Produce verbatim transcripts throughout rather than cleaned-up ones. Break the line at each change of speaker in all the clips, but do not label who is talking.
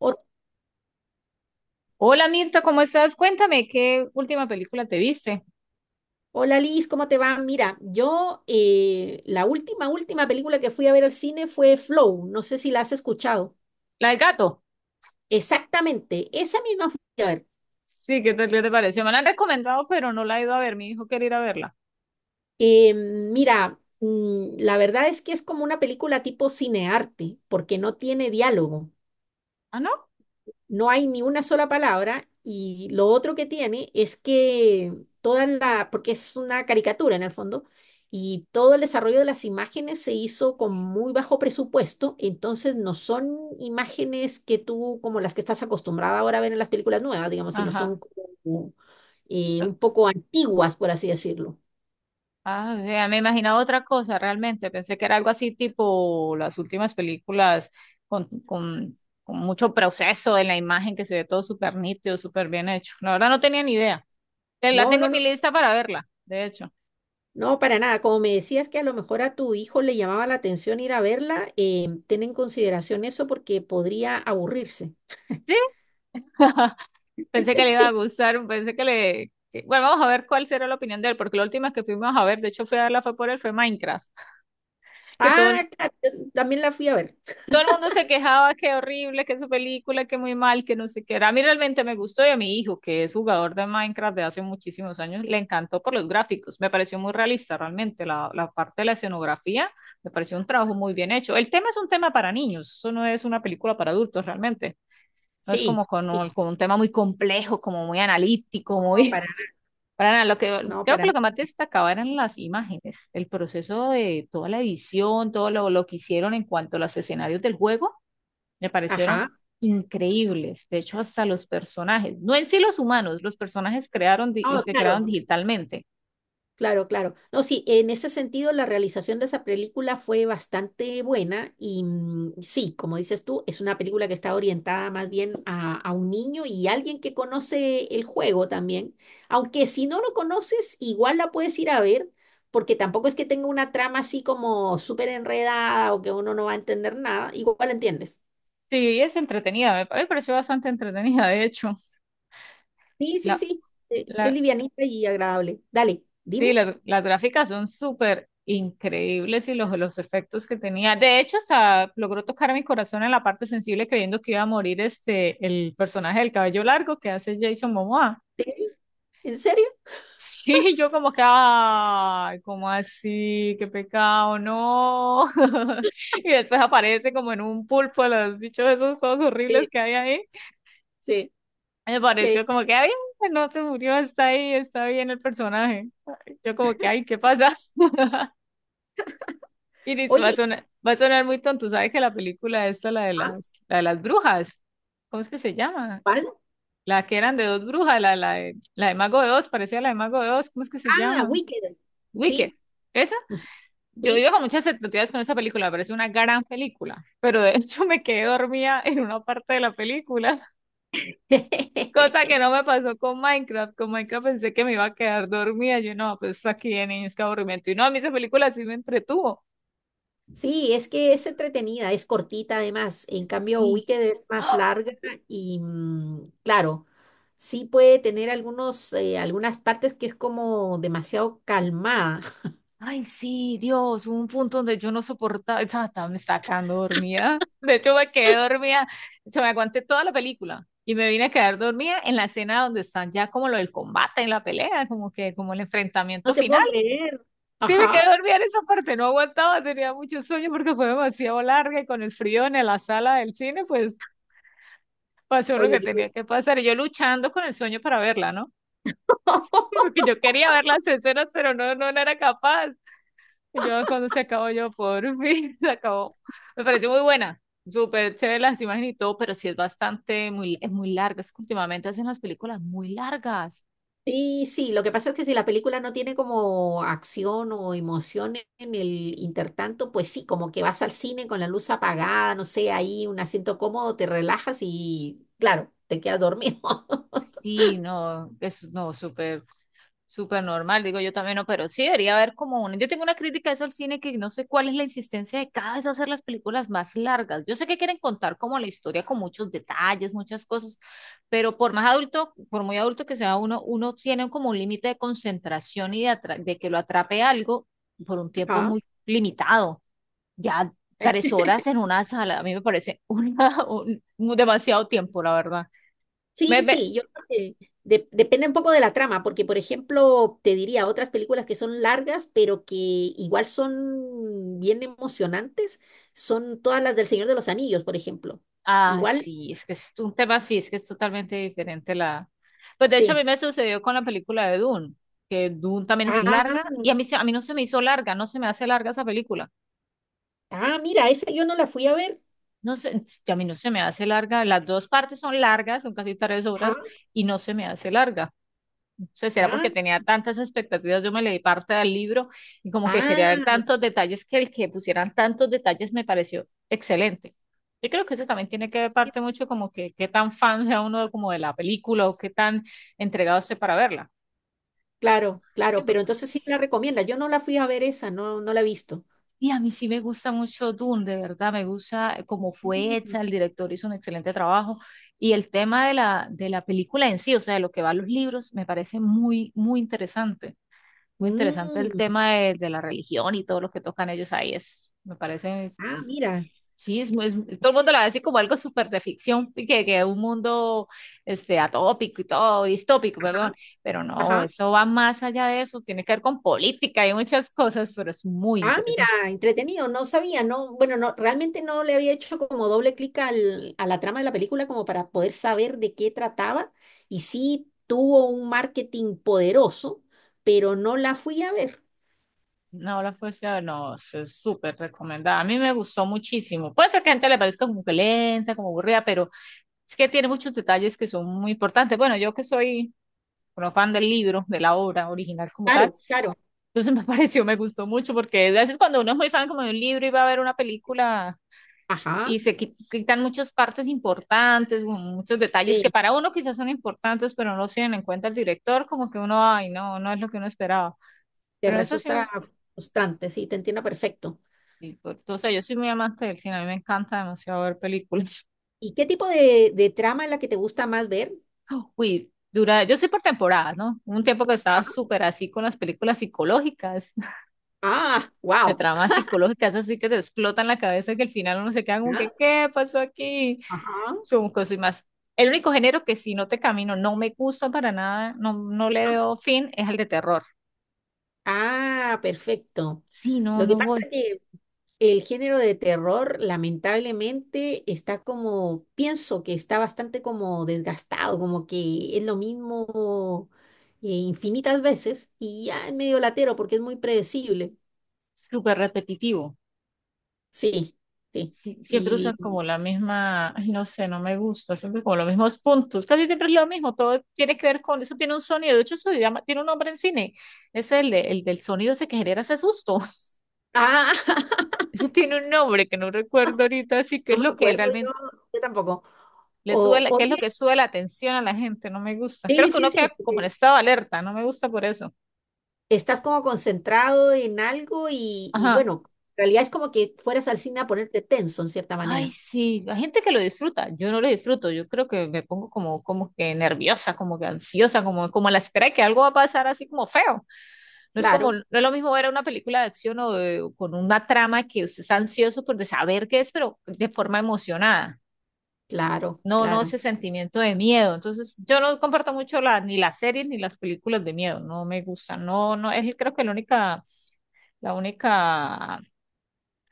Ho-
Hola Mirta, ¿cómo estás? Cuéntame, ¿qué última película te viste?
Hola Liz, ¿cómo te va? Mira, yo eh, la última, última película que fui a ver al cine fue Flow, no sé si la has escuchado.
La del gato.
Exactamente, esa misma fui a ver.
Sí, ¿qué tal qué te pareció? Me la han recomendado, pero no la he ido a ver. Mi hijo quiere ir a verla.
Eh, mira, mm, la verdad es que es como una película tipo cinearte, porque no tiene diálogo.
¿Ah, no?
No hay ni una sola palabra y lo otro que tiene es que toda la, porque es una caricatura en el fondo, y todo el desarrollo de las imágenes se hizo con muy bajo presupuesto, entonces no son imágenes que tú, como las que estás acostumbrada ahora a ver en las películas nuevas, digamos, sino son
Ajá.
como, eh, un poco antiguas, por así decirlo.
Ah, vea, me imaginaba otra cosa realmente. Pensé que era algo así tipo las últimas películas con, con, con mucho proceso en la imagen que se ve todo súper nítido, súper bien hecho. La verdad no tenía ni idea. Te- La
No,
tengo
no,
en
no,
mi lista para verla, de hecho.
no, para nada. Como me decías que a lo mejor a tu hijo le llamaba la atención ir a verla, eh, ten en consideración eso porque podría aburrirse.
¿Sí? Pensé
Eh,
que le iba a
Sí.
gustar, pensé que le... que- bueno, vamos a ver cuál será la opinión de él, porque la última que fuimos a ver, de hecho fui a verla fue por él, fue Minecraft, que todo,
Ah,
el-
claro, yo también la fui a ver.
todo el mundo se quejaba que horrible, que su película, que muy mal, que no sé qué era. A mí realmente me gustó y a mi hijo, que es jugador de Minecraft de hace muchísimos años, le encantó por los gráficos, me pareció muy realista realmente, la, la parte de la escenografía, me pareció un trabajo muy bien hecho. El tema es un tema para niños, eso no es una película para adultos realmente. No es
Sí,
como con un,
sí.
con un tema muy complejo, como muy analítico,
No,
muy...
para nada.
Para nada, lo que,
No,
creo que
para
lo que
nada.
más destacaba eran las imágenes, el proceso de toda la edición, todo lo, lo que hicieron en cuanto a los escenarios del juego, me parecieron
Ajá.
increíbles. De hecho, hasta los personajes, no en sí los humanos, los personajes crearon, di-
Ah,
los que crearon
claro,
digitalmente.
claro, claro. No, sí, en ese sentido la realización de esa película fue bastante buena y, mm, sí, como dices tú, es una película que está orientada más bien a, a un niño y alguien que conoce el juego también. Aunque si no lo conoces, igual la puedes ir a ver. Porque tampoco es que tenga una trama así como súper enredada o que uno no va a entender nada, igual entiendes.
Sí, es entretenida, me, me pareció bastante entretenida, de hecho.
Sí, sí,
La,
sí. eh, Es
la,
livianita y agradable. Dale,
Sí,
dime.
las, las gráficas son súper increíbles y los, los efectos que tenía. De hecho, hasta logró tocar mi corazón en la parte sensible creyendo que iba a morir este, el personaje del cabello largo que hace Jason Momoa.
¿Sí? ¿En serio?
Sí, yo como que, ay, ¿cómo así? Qué pecado, no. Y después aparece como en un pulpo los bichos esos todos horribles
Sí,
que hay ahí.
sí.
Me
que-
pareció como que, ay, no se murió, está ahí, está bien el personaje. Yo como que, ay, ¿qué pasa? Iris, va a
Oye,
sonar, va a sonar muy tonto. ¿Sabes que la película esta, la de
¿ah,
las, la de las brujas? ¿Cómo es que se llama?
cuál?
La que eran de dos brujas, la, la de, la de Mago de Oz, parecía la de Mago de Oz. ¿Cómo es que se
Ah,
llama?
Wicked.
Wicked.
Sí,
Esa, yo
sí.
iba con muchas expectativas con esa película, me parece una gran película, pero de hecho me quedé dormida en una parte de la película, cosa que no me pasó con Minecraft. Con Minecraft pensé que me iba a quedar dormida. Yo no, pues aquí de niños, qué aburrimiento. Y no, a mí esa película sí me entretuvo.
Sí, es que es entretenida, es cortita además. En cambio,
Sí.
Wicked es más larga y, mm, claro, sí puede tener algunos, eh, algunas partes que es como demasiado calmada.
Ay, sí, Dios, hubo un punto donde yo no soportaba, estaba, estaba- me estaba quedando dormida. De hecho, me quedé dormida, se me aguanté toda la película y me vine a quedar dormida en la escena donde están ya como lo del combate, en la pelea, como que como el
No
enfrentamiento
te
final.
puedo creer.
Sí, me quedé
Ajá.
dormida en esa parte, no aguantaba, tenía mucho sueño porque fue demasiado larga y con el frío en la sala del cine, pues pasó lo
Oye,
que
qué-
tenía que pasar y yo luchando con el sueño para verla, ¿no? Porque yo quería ver las escenas, pero no, no, no era capaz. Yo cuando se acabó, yo por fin se acabó. Me pareció muy buena, súper chévere las imágenes y todo, pero sí es bastante, muy, es muy larga. Es que últimamente hacen las películas muy largas.
Y sí, lo que pasa es que si la película no tiene como acción o emoción en el intertanto, pues sí, como que vas al cine con la luz apagada, no sé, ahí un asiento cómodo, te relajas y claro, te quedas dormido.
Sí, no, es no, súper. Súper normal, digo yo también, no, pero sí debería haber como una. Yo tengo una crítica a eso al cine que no sé cuál es la insistencia de cada vez hacer las películas más largas. Yo sé que quieren contar como la historia con muchos detalles, muchas cosas, pero por más adulto, por muy adulto que sea uno, uno tiene como un límite de concentración y de, atra- de que lo atrape algo por un tiempo
Ajá.
muy limitado. Ya tres horas en una sala, a mí me parece una, un- un demasiado tiempo, la verdad.
Sí,
Me, me-
sí, yo creo que de- depende un poco de la trama, porque por ejemplo, te diría otras películas que son largas, pero que igual son bien emocionantes, son todas las del Señor de los Anillos, por ejemplo.
Ah,
Igual,
sí, es que es un tema, sí, es que es totalmente diferente la... Pues de hecho a
sí.
mí me sucedió con la película de Dune, que Dune también es
Ah.
larga y a mí, se- a mí no se me hizo larga, no se me hace larga esa película.
Ah, mira, esa yo no la fui a ver.
No sé, a mí no se me hace larga, las dos partes son largas, son casi tres
Ah,
horas y no se me hace larga. Sea, será
ah,
porque tenía tantas expectativas, yo me leí parte del libro y como que quería ver
ah,
tantos detalles que el que pusieran tantos detalles me pareció excelente. Yo creo que eso también tiene que ver parte mucho como que qué tan fan sea uno como de la película o qué tan entregado esté para verla.
claro,
Sí,
claro, pero
porque-
entonces sí la recomienda. Yo no la fui a ver esa, no, no la he visto.
y a mí sí me gusta mucho Dune, de verdad, me gusta cómo fue
Mm,
hecha, el director hizo un excelente trabajo y el tema de la, de la película en sí, o sea, de lo que va a los libros, me parece muy, muy interesante. Muy interesante el
mm,
tema de, de la religión y todo lo que tocan ellos ahí. Es, me parece,
ah, mira.
sí, es, muy- es- todo el mundo lo dice como algo súper de ficción, y que, que un mundo este, atópico y todo, distópico, perdón.
Ajá,
Pero no,
ajá.
eso va más allá de eso, tiene que ver con política y muchas cosas, pero es muy
Ah, mira,
interesante.
entretenido, no sabía, no, bueno, no, realmente no le había hecho como doble clic al, a la trama de la película como para poder saber de qué trataba y sí tuvo un marketing poderoso, pero no la fui a ver.
No, la fuerza no, es es súper recomendada. A mí me gustó muchísimo. Puede ser que a gente le parezca como que lenta, como aburrida, pero es que tiene muchos detalles que son muy importantes. Bueno, yo que soy bueno, fan del libro, de la obra original como tal.
Claro, claro.
Entonces me pareció, me gustó mucho, porque a veces cuando uno es muy fan como de un libro y va a ver una película
Ajá.
y se qui- quitan muchas partes importantes, un- muchos detalles que
Sí.
para uno quizás son importantes, pero no los tienen en cuenta el director, como que uno, ay, no, no es lo que uno esperaba.
Te
Pero eso sí, me-
resulta frustrante, sí, te entiendo perfecto.
y por- o sea, yo soy muy amante del cine, a mí me encanta demasiado ver películas.
¿Y qué tipo de, de trama es la que te gusta más ver?
Uy, dura, yo soy por temporadas, ¿no? Hubo un tiempo que estaba
Ajá.
súper así con las películas psicológicas
Ah,
de
wow.
tramas psicológicas así que te explotan la cabeza que al final uno se queda como que,
Ajá,
¿qué pasó aquí?
ajá.
Son cosas y más. El único género que si no te camino, no me gusta para nada, no, no le veo fin, es el de terror.
Ah, perfecto.
Sí, no,
Lo que
no
pasa
voy.
que el género de terror, lamentablemente, está como, pienso que está bastante como desgastado, como que es lo mismo eh, infinitas veces y ya es medio latero porque es muy predecible.
Súper repetitivo.
Sí, sí.
Sí, siempre
Y,
usan como la misma, ay, no sé, no me gusta, siempre como los mismos puntos, casi siempre es lo mismo, todo tiene que ver con, eso tiene un sonido, de hecho eso se llama, tiene un nombre en cine, es el, de- el del sonido ese que genera ese susto,
ah,
eso tiene un nombre que no recuerdo ahorita, así que
no
es
me
lo que
acuerdo
realmente.
yo, yo tampoco.
Le sube
O,
la- ¿qué es lo
oye,
que sube la atención a la gente? No me gusta. Creo
sí,
que
sí,
uno
sí,
queda como en
porque
estado de alerta, no me gusta por eso.
estás como concentrado en algo y, y
Ajá.
bueno, en realidad es como que fueras al cine a ponerte tenso en cierta
Ay,
manera.
sí, hay gente que lo disfruta, yo no lo disfruto, yo creo que me pongo como, como que nerviosa, como que ansiosa, como, como a la espera de que algo va a pasar así como feo. No es como,
Claro,
no es lo mismo ver una película de acción o de- o con una trama que usted está ansioso por de saber qué es, pero de forma emocionada.
claro,
No, no ese
claro.
sentimiento de miedo. Entonces, yo no comparto mucho la, ni las series ni las películas de miedo. No me gustan. No, no, es creo que la única La única,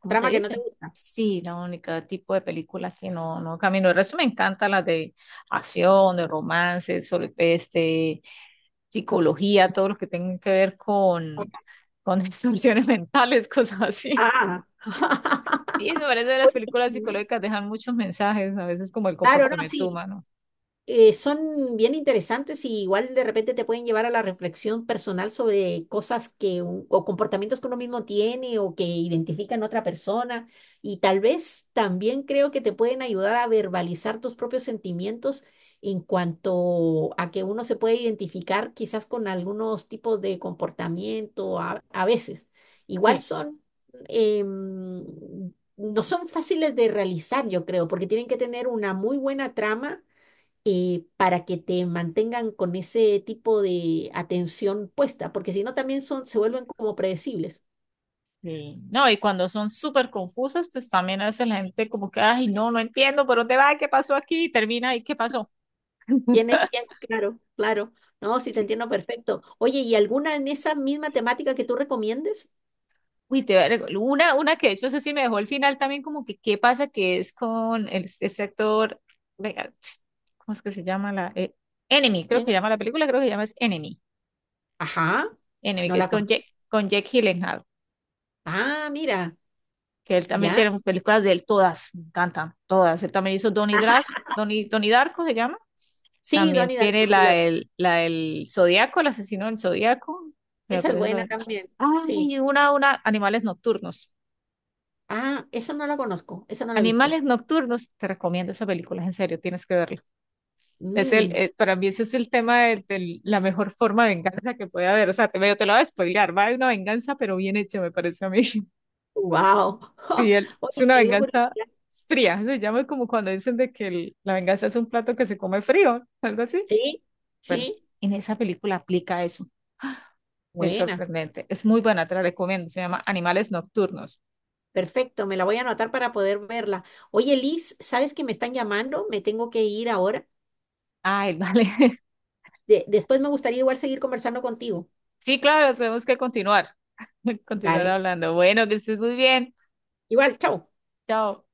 ¿cómo se
Trama que no
dice?
te gusta.
Sí, la única tipo de películas que no, no camino. El resto me encanta las de acción, de romance, sobre, este, psicología, todo lo que tenga que ver con, con distorsiones mentales, cosas así.
Ah.
Sí, me parece que las
Oye,
películas psicológicas dejan muchos mensajes, a veces como el
claro, no,
comportamiento
sí.
humano.
Eh, son bien interesantes y igual de repente te pueden llevar a la reflexión personal sobre cosas que un- o comportamientos que uno mismo tiene o que identifica en otra persona y tal vez también creo que te pueden ayudar a verbalizar tus propios sentimientos en cuanto a que uno se puede identificar quizás con algunos tipos de comportamiento a, a veces. Igual
Sí.
son em, no son fáciles de realizar, yo creo, porque tienen que tener una muy buena trama eh, para que te mantengan con ese tipo de atención puesta, porque si no también son, se vuelven como predecibles.
Sí. No, y cuando son súper confusas, pues también a veces la gente como que, ay, no, no entiendo por dónde va, qué pasó aquí, y termina y qué pasó.
¿Quién es quién? Claro, claro. No, sí te
Sí.
entiendo perfecto. Oye, ¿y alguna en esa misma temática que tú recomiendes?
Uy, te voy a rec- una, una que de hecho, eso sí me dejó el final también, como que qué pasa que es con el, ese actor, venga, ps, ¿cómo es que se llama la? eh, Enemy, creo
¿Quién?
que llama la película, creo que llama es Enemy,
Ajá,
Enemy, que
no
es
la
con Jack,
conozco.
con Jack Gyllenhaal,
Ah, mira,
que él también
ya.
tiene películas de él, todas, me encantan, todas. Él también hizo Donnie,
Ajá.
Dra Donnie, Donnie Darko, se llama.
Sí,
También
Donnie Darko,
tiene
sí,
la
la-
del, la del Zodíaco, el asesino del Zodíaco, que me
esa es
parece
buena
también.
también. Sí.
Ay, una, una, Animales Nocturnos.
Ah, esa no la conozco, esa no la he visto.
Animales Nocturnos, te recomiendo esa película, en serio, tienes que verla. Es el,
Mmm,
eh, para mí ese es el tema de, de la mejor forma de venganza que puede haber. O sea, te, medio te lo voy a spoilear, va de una venganza, pero bien hecha, me parece a mí.
wow.
Sí, el- es
Oye,
una
me dio
venganza
curiosidad.
fría, se llama como cuando dicen de que el- la venganza es un plato que se come frío, algo así.
Sí,
Bueno,
sí,
en esa película aplica eso. ¡Ah! Es
buena.
sorprendente, es muy buena, te la recomiendo. Se llama Animales Nocturnos.
Perfecto, me la voy a anotar para poder verla. Oye, Liz, ¿sabes que me están llamando? Me tengo que ir ahora.
Ay, vale.
De- después me gustaría igual seguir conversando contigo.
Sí, claro, tenemos que continuar, continuar
Dale.
hablando. Bueno, que estés muy bien.
Igual, chao.
Chao.